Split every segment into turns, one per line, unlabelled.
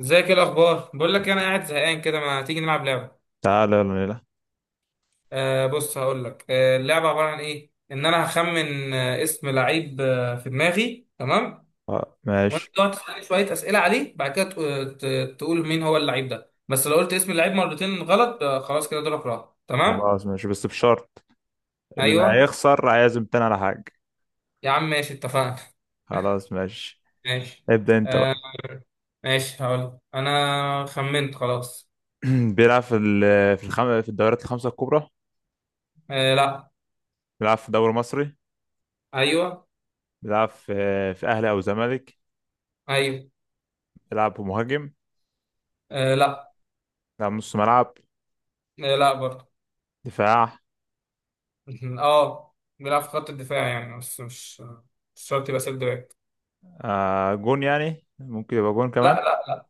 ازيك؟ ايه الاخبار؟ بقول لك انا قاعد زهقان كده، ما تيجي نلعب لعبه؟
تعالى يلا نلعب.
بص هقول لك. اللعبه عباره عن ايه؟ ان انا هخمن اسم لعيب في دماغي، تمام؟
آه،
وانت
ماشي.
تقعد تسالني شويه اسئله عليه، بعد كده تقول مين هو اللعيب ده. بس لو قلت اسم اللعيب مرتين غلط خلاص كده دورك راح، تمام؟
خلاص ماشي بس بشرط. اللي
ايوه.
هيخسر هيعزم تاني على حاجة.
يا عم ماشي، اتفقنا.
خلاص ماشي.
ماشي.
ابدأ انت
آه
بقى.
ماشي، هقول لك. انا خمنت خلاص.
بيلعب في الدوريات الخمسة الكبرى.
آه لا.
بيلعب في دوري مصري.
ايوه.
بيلعب في أهلي أو زمالك.
ايوه.
بيلعب مهاجم.
آه لا.
بيلعب نص ملعب.
آه لا برضه.
دفاع.
اه بيلعب في خط الدفاع يعني، بس مش شرط يبقى سيلد باك.
جون يعني، ممكن يبقى جون كمان.
لا.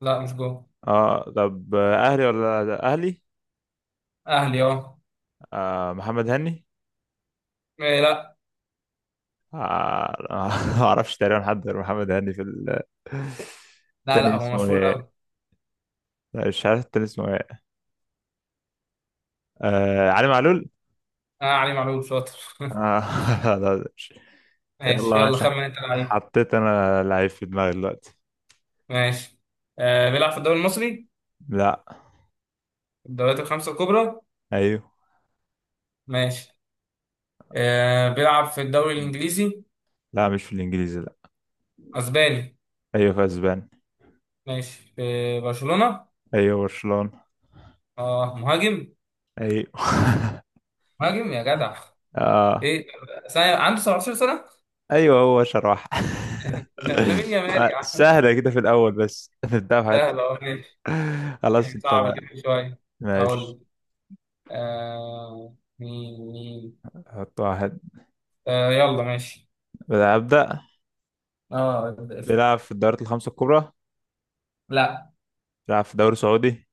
لا مش جوه.
اه طب، أهلي ولا أهلي؟
اهلي، اه.
محمد هني.
إيه لا.
آه ما أعرفش تقريبا حد غير محمد هني.
لا لا
تاني
هو
اسمه
مشهور
ايه؟
قوي.
مش عارف التاني اسمه ايه. علي معلول.
اه علي معلول شاطر.
لا.
ماشي،
يلا
يلا
ماشي.
خمن انت لعيب.
حطيت انا لعيب في دماغي دلوقتي.
ماشي. بيلعب في الدوري المصري؟
لا.
الدوريات الخمسة الكبرى؟
ايوه.
ماشي. بيلعب في الدوري الانجليزي؟
لا مش في الانجليزي، لا.
اسباني؟
ايوه في اسبانيا.
ماشي، في برشلونة.
ايوه برشلونة.
اه مهاجم.
ايوه.
مهاجم يا جدع.
اه.
ايه سنة عنده؟ 17 سنة.
ايوه هو شراح.
لامين يامال
آه،
يا عم.
سهلة كده في الاول بس نبدأ بحاجات.
سهل اهو.
خلاص
يعني
انت،
صعب
لا.
الاسم شوية. هقول
ماشي.
لك. مين مين؟
حط واحد.
يلا ماشي.
ابدأ.
اه الاسم.
بيلعب في الدوريات الخمسة الكبرى.
لا.
بيلعب في دوري سعودي.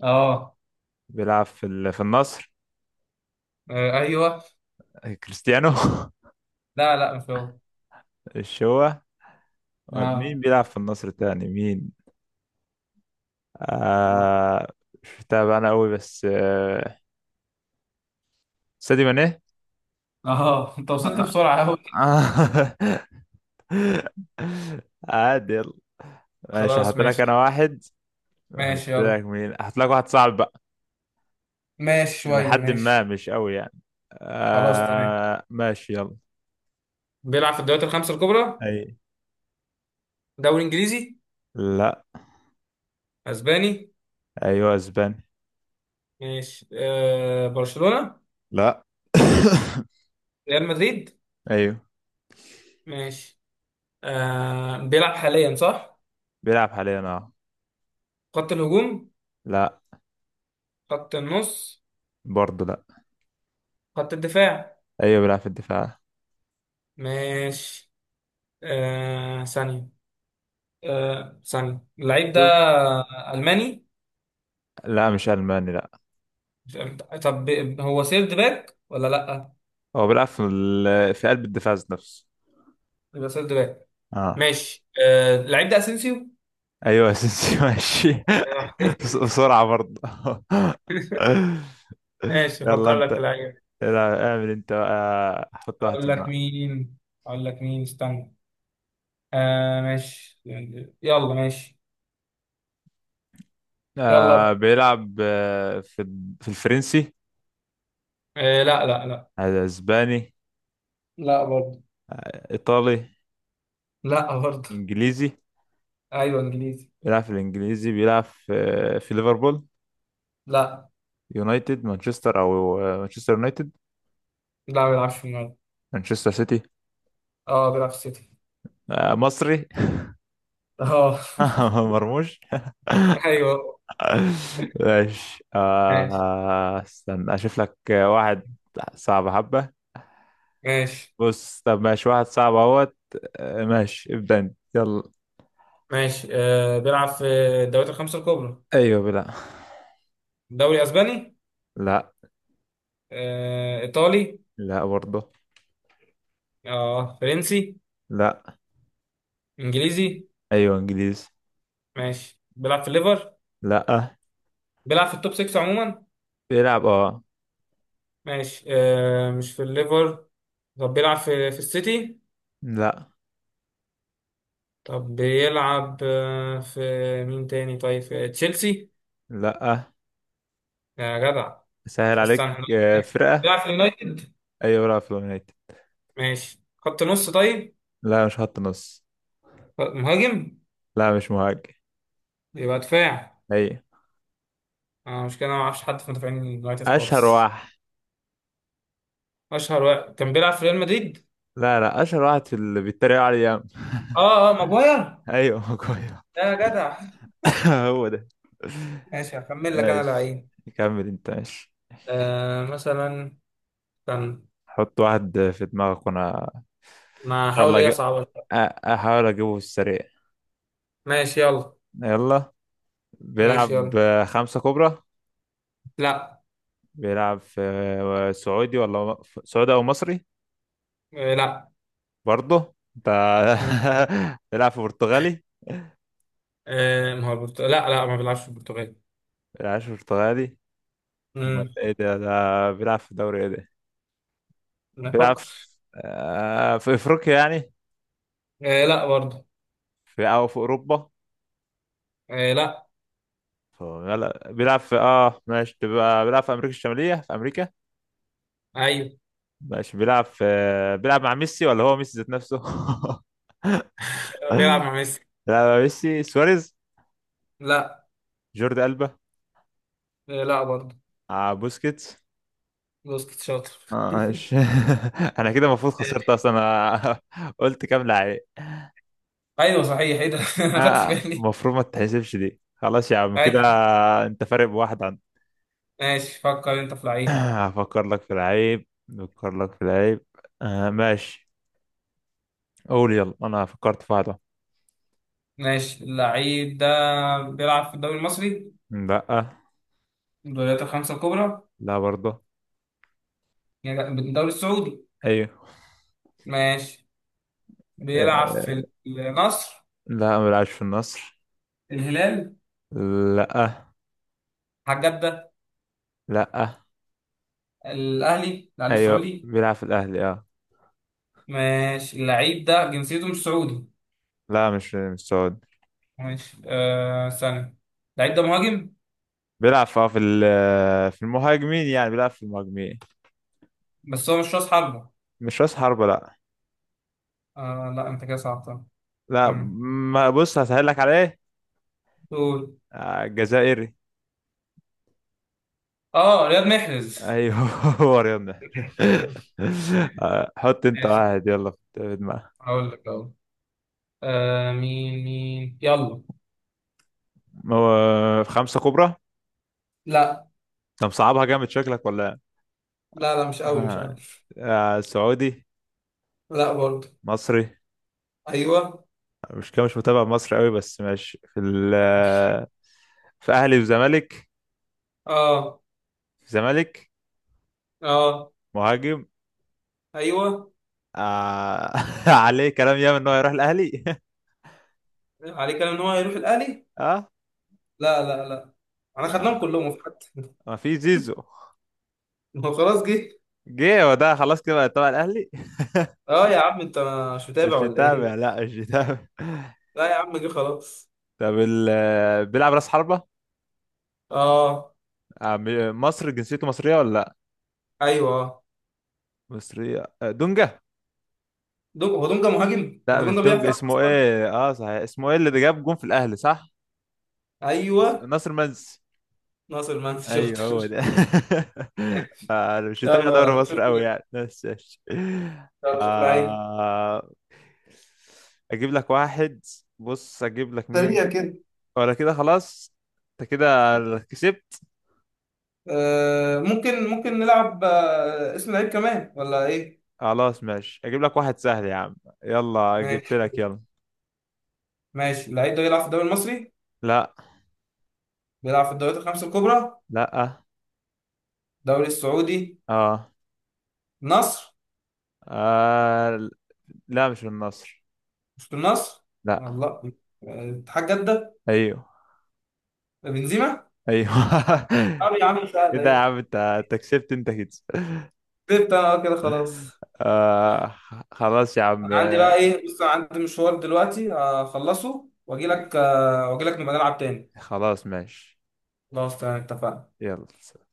اه.
بيلعب في النصر.
آه، ايوه.
كريستيانو
لا لا مش هو.
الشوة. مين
اه.
بيلعب في النصر تاني، مين؟
آه.
آه. مش متابع انا قوي بس. سادي ماني.
اه انت وصلت بسرعة قوي.
آه. عادي يلا. ماشي،
خلاص
هحط لك انا
ماشي.
واحد. احط
ماشي يلا.
لك مين، احط لك واحد صعب بقى.
ماشي شوية
لحد ما
ماشي.
مش قوي يعني.
خلاص تمام.
آه ماشي يلا.
بيلعب في الدوريات الخمسة الكبرى؟
اي.
دوري انجليزي؟
لا.
اسباني؟
ايوه اسباني.
ماشي، برشلونة.
لا.
ريال مدريد.
ايوه.
ماشي. بيلعب حاليا، صح؟
بيلعب حاليا، اه.
خط الهجوم؟
لا.
خط النص؟
برضه. لا
خط الدفاع؟
ايوه، بيلعب في الدفاع.
ماشي. ثانية. ثانية اللعيب ده.
شوف.
ألماني؟
لا مش الماني، لا.
طب، هو سيرد باك ولا لأ؟
هو بيلعب في قلب الدفاع ذات نفسه.
يبقى سيرد باك.
اه.
ماشي. اللعيب ده أسينسيو.
ايوه اسينسيو ماشي.
آه.
بسرعة برضه.
ماشي
يلا
أفكر
انت.
لك في لعيب.
اعمل انت بقى، حط واحد
أقول
في
لك
دماغك.
مين. أقول لك مين، استنى. ماشي. يلا ماشي. يلا.
بيلعب في الفرنسي.
آه لا لا لا.
آه، اسباني؟
لا برضه.
ايطالي؟
لا برضه.
انجليزي؟
أيوه إنجليزي.
بيلعب في الانجليزي، بيلعب في ليفربول.
لا.
يونايتد مانشستر او آه، مانشستر يونايتد.
لا ما بيلعبش في النادي.
مانشستر سيتي.
اه بيلعب في السيتي.
مصري.
اه.
مرموش.
ايوه.
ماشي،
ماشي.
استنى اشوف لك واحد. صعب حبة.
ماشي.
بص طب ماشي، واحد صعب اهوت. آه، ماشي ابدأ انت يلا.
ماشي. بيلعب في الدوريات الخمسة الكبرى؟
ايوه بلا.
دوري اسباني؟
لا.
ايطالي؟
لا برضه.
اه فرنسي؟
لا.
انجليزي؟
ايوه انجليزي.
ماشي، بيلعب في الليفر؟
لا.
بيلعب في التوب 6 عموما؟
بيلعب اه.
ماشي. مش في الليفر. طب بيلعب في السيتي؟
لا
طب بيلعب في، مين تاني طيب؟ في تشيلسي؟
لا.
يا جدع.
سهل عليك،
استنى.
فرقة.
بيلعب في اليونايتد؟
ايوه بيلعب في اليونايتد.
ماشي، خط نص طيب؟
لا مش خط نص.
مهاجم؟
لا مش مهاجم.
يبقى دفاع.
ايوه.
مش كده انا ما اعرفش حد في مدافعين اليونايتد
اشهر
خالص.
واحد.
اشهر واحد. كان بيلعب في ريال مدريد.
لا لا، اشهر واحد في اللي بيتريقوا عليه ياما.
اه اه ماجواير.
ايوه كويس.
لا يا جدع.
هو ده.
ماشي هكمل لك
ايش؟
انا لعيب.
كمل انت، ماشي.
مثلا كان،
حط واحد في دماغك وانا ان
ما
شاء
هحاول ايه
الله
اصعب.
أ- احاول اجيبه في السريع.
ماشي يلا.
يلا.
ماشي
بيلعب.
يلا.
خمسة كبرى.
لا.
بيلعب في. سعودي ولا. سعودي او مصري؟
لا.
برضه انت.
مم.
بيلعب في برتغالي.
ما هو البرتغال، لا ما بيلعبش في البرتغال.
بيلعبش برتغالي.
امم
امال ايه ده بيلعب في دوري ايه، ده؟ بيلعب في.
نفكر.
في افريقيا يعني.
آه لا برضه.
في اوروبا.
آه لا.
لا بيلعب في، ماشي، تبقى بيلعب في امريكا الشمالية، في امريكا.
ايوه
ماشي بيلعب في. بيلعب مع ميسي ولا هو ميسي ذات نفسه؟
بيلعب مع ميسي.
بيلعب مع ميسي، سواريز؟
لا.
جوردي ألبا؟
آه لا برضه.
بوسكيتس؟
بوسكيت شاطر.
آه، ماشي. انا كده المفروض خسرت اصلا انا قلت كام لعيب.
ايوه صحيح، ايه ده؟ ما خدتش
آه،
بالي.
المفروض ما تتحسبش دي، خلاص يا عم كده.
ايوه.
انت فارق بواحد عن.
ماشي فكر انت في لعيب.
هفكر لك في لعيب. هفكر لك في لعيب. آه ماشي. قول يلا، انا فكرت في واحدة.
ماشي، اللعيب ده بيلعب في الدوري المصري؟
لا.
الدوريات الخمسة الكبرى؟
لا برضه.
يعني الدوري السعودي.
ايوه.
ماشي، بيلعب في
آه،
النصر؟
لا، ما بيلعبش في النصر.
الهلال؟
لا.
حاج جدة؟
لا.
الأهلي؟ الأهلي
ايوه
السعودي.
بيلعب في الاهلي اه.
ماشي، اللعيب ده جنسيته مش سعودي.
لا مش سعودي.
ماشي. ثانية. اللعيب ده مهاجم؟
بيلعب في المهاجمين، يعني بيلعب في المهاجمين.
بس هو مش راس حربة.
مش راس حربة، لا.
لا انت كده صعبتها.
لا.
ثانية.
ما بص هسهل لك على ايه.
قول.
الجزائري.
اه رياض محرز.
ايوه. هو رياض محرز. آه، حط انت
ماشي
واحد يلا في دماغك.
هقول لك اهو. مين مين؟ يلا.
هو. في خمسة كبرى.
لا.
طب صعبها جامد شكلك، ولا إيه؟
لا لا مش قوي، مش قوي.
آه. سعودي.
لا برضه.
مصري.
ايوه.
مش كده، مش متابع مصر قوي بس ماشي في ال- آه، في اهلي وزمالك.
اه.
في زمالك.
اه.
مهاجم.
ايوه.
آه. عليه كلام ياما ان هو يروح الاهلي
عليه كلام ان هو هيروح الاهلي؟
اه.
لا. انا خدناهم
آه،
كلهم في حد.
ما في زيزو.
ما هو خلاص جه.
جه هو ده، خلاص كده بقى تبع الاهلي
اه يا عم انت مش متابع
مش
ولا
متابع،
ايه؟
لا مش متابع
لا يا عم جه خلاص.
طب بيلعب راس حربة.
اه.
مصر جنسيته مصرية ولا لا؟
ايوه اه.
مصرية، دونجا.
دونجا؟ هو دونجا مهاجم؟
لا
هو
مش
دونجا بيعرف
دونجا،
يلعب
اسمه
اصلا؟
ايه؟ اه صحيح اسمه ايه اللي ده جاب جون في الاهلي صح؟
ايوه.
ناصر منسي.
ناصر منسي
ايوه
شاطر.
هو ده. انا مش متابع دوري
يلا
مصر
شوف.
قوي يعني بس ماشي.
يلا شوف لعيب.
آه، اجيب لك واحد. بص اجيب لك مين.
سريع كده.
ولا كده خلاص. انت كده. كسبت.
آه، ممكن ممكن نلعب آه، اسم لعيب كمان ولا ايه؟
خلاص ماشي اجيب لك واحد سهل يا عم. يلا جبت
ماشي.
لك يلا.
ماشي، اللعيب ده بيلعب في الدوري المصري؟
لا.
بيلعب في الدوريات الخمسة الكبرى؟
لا.
الدوري السعودي؟
اه.
النصر؟
آه. لا مش من النصر.
مش في النصر؟
لا.
والله. آه، اتحاد جدة.
ايوه.
بنزيما.
ايوه.
اه يا عم سهلة
كده يا
ايه؟
عم، انت كسبت انت كده.
كسبت انا، كده خلاص.
آه. خلاص يا عم
انا عندي
آه،
بقى ايه، بص، أنا عندي مشوار دلوقتي اخلصه واجي لك، واجي لك نبقى نلعب تاني.
خلاص ماشي
خلاص تمام اتفقنا.
يلا.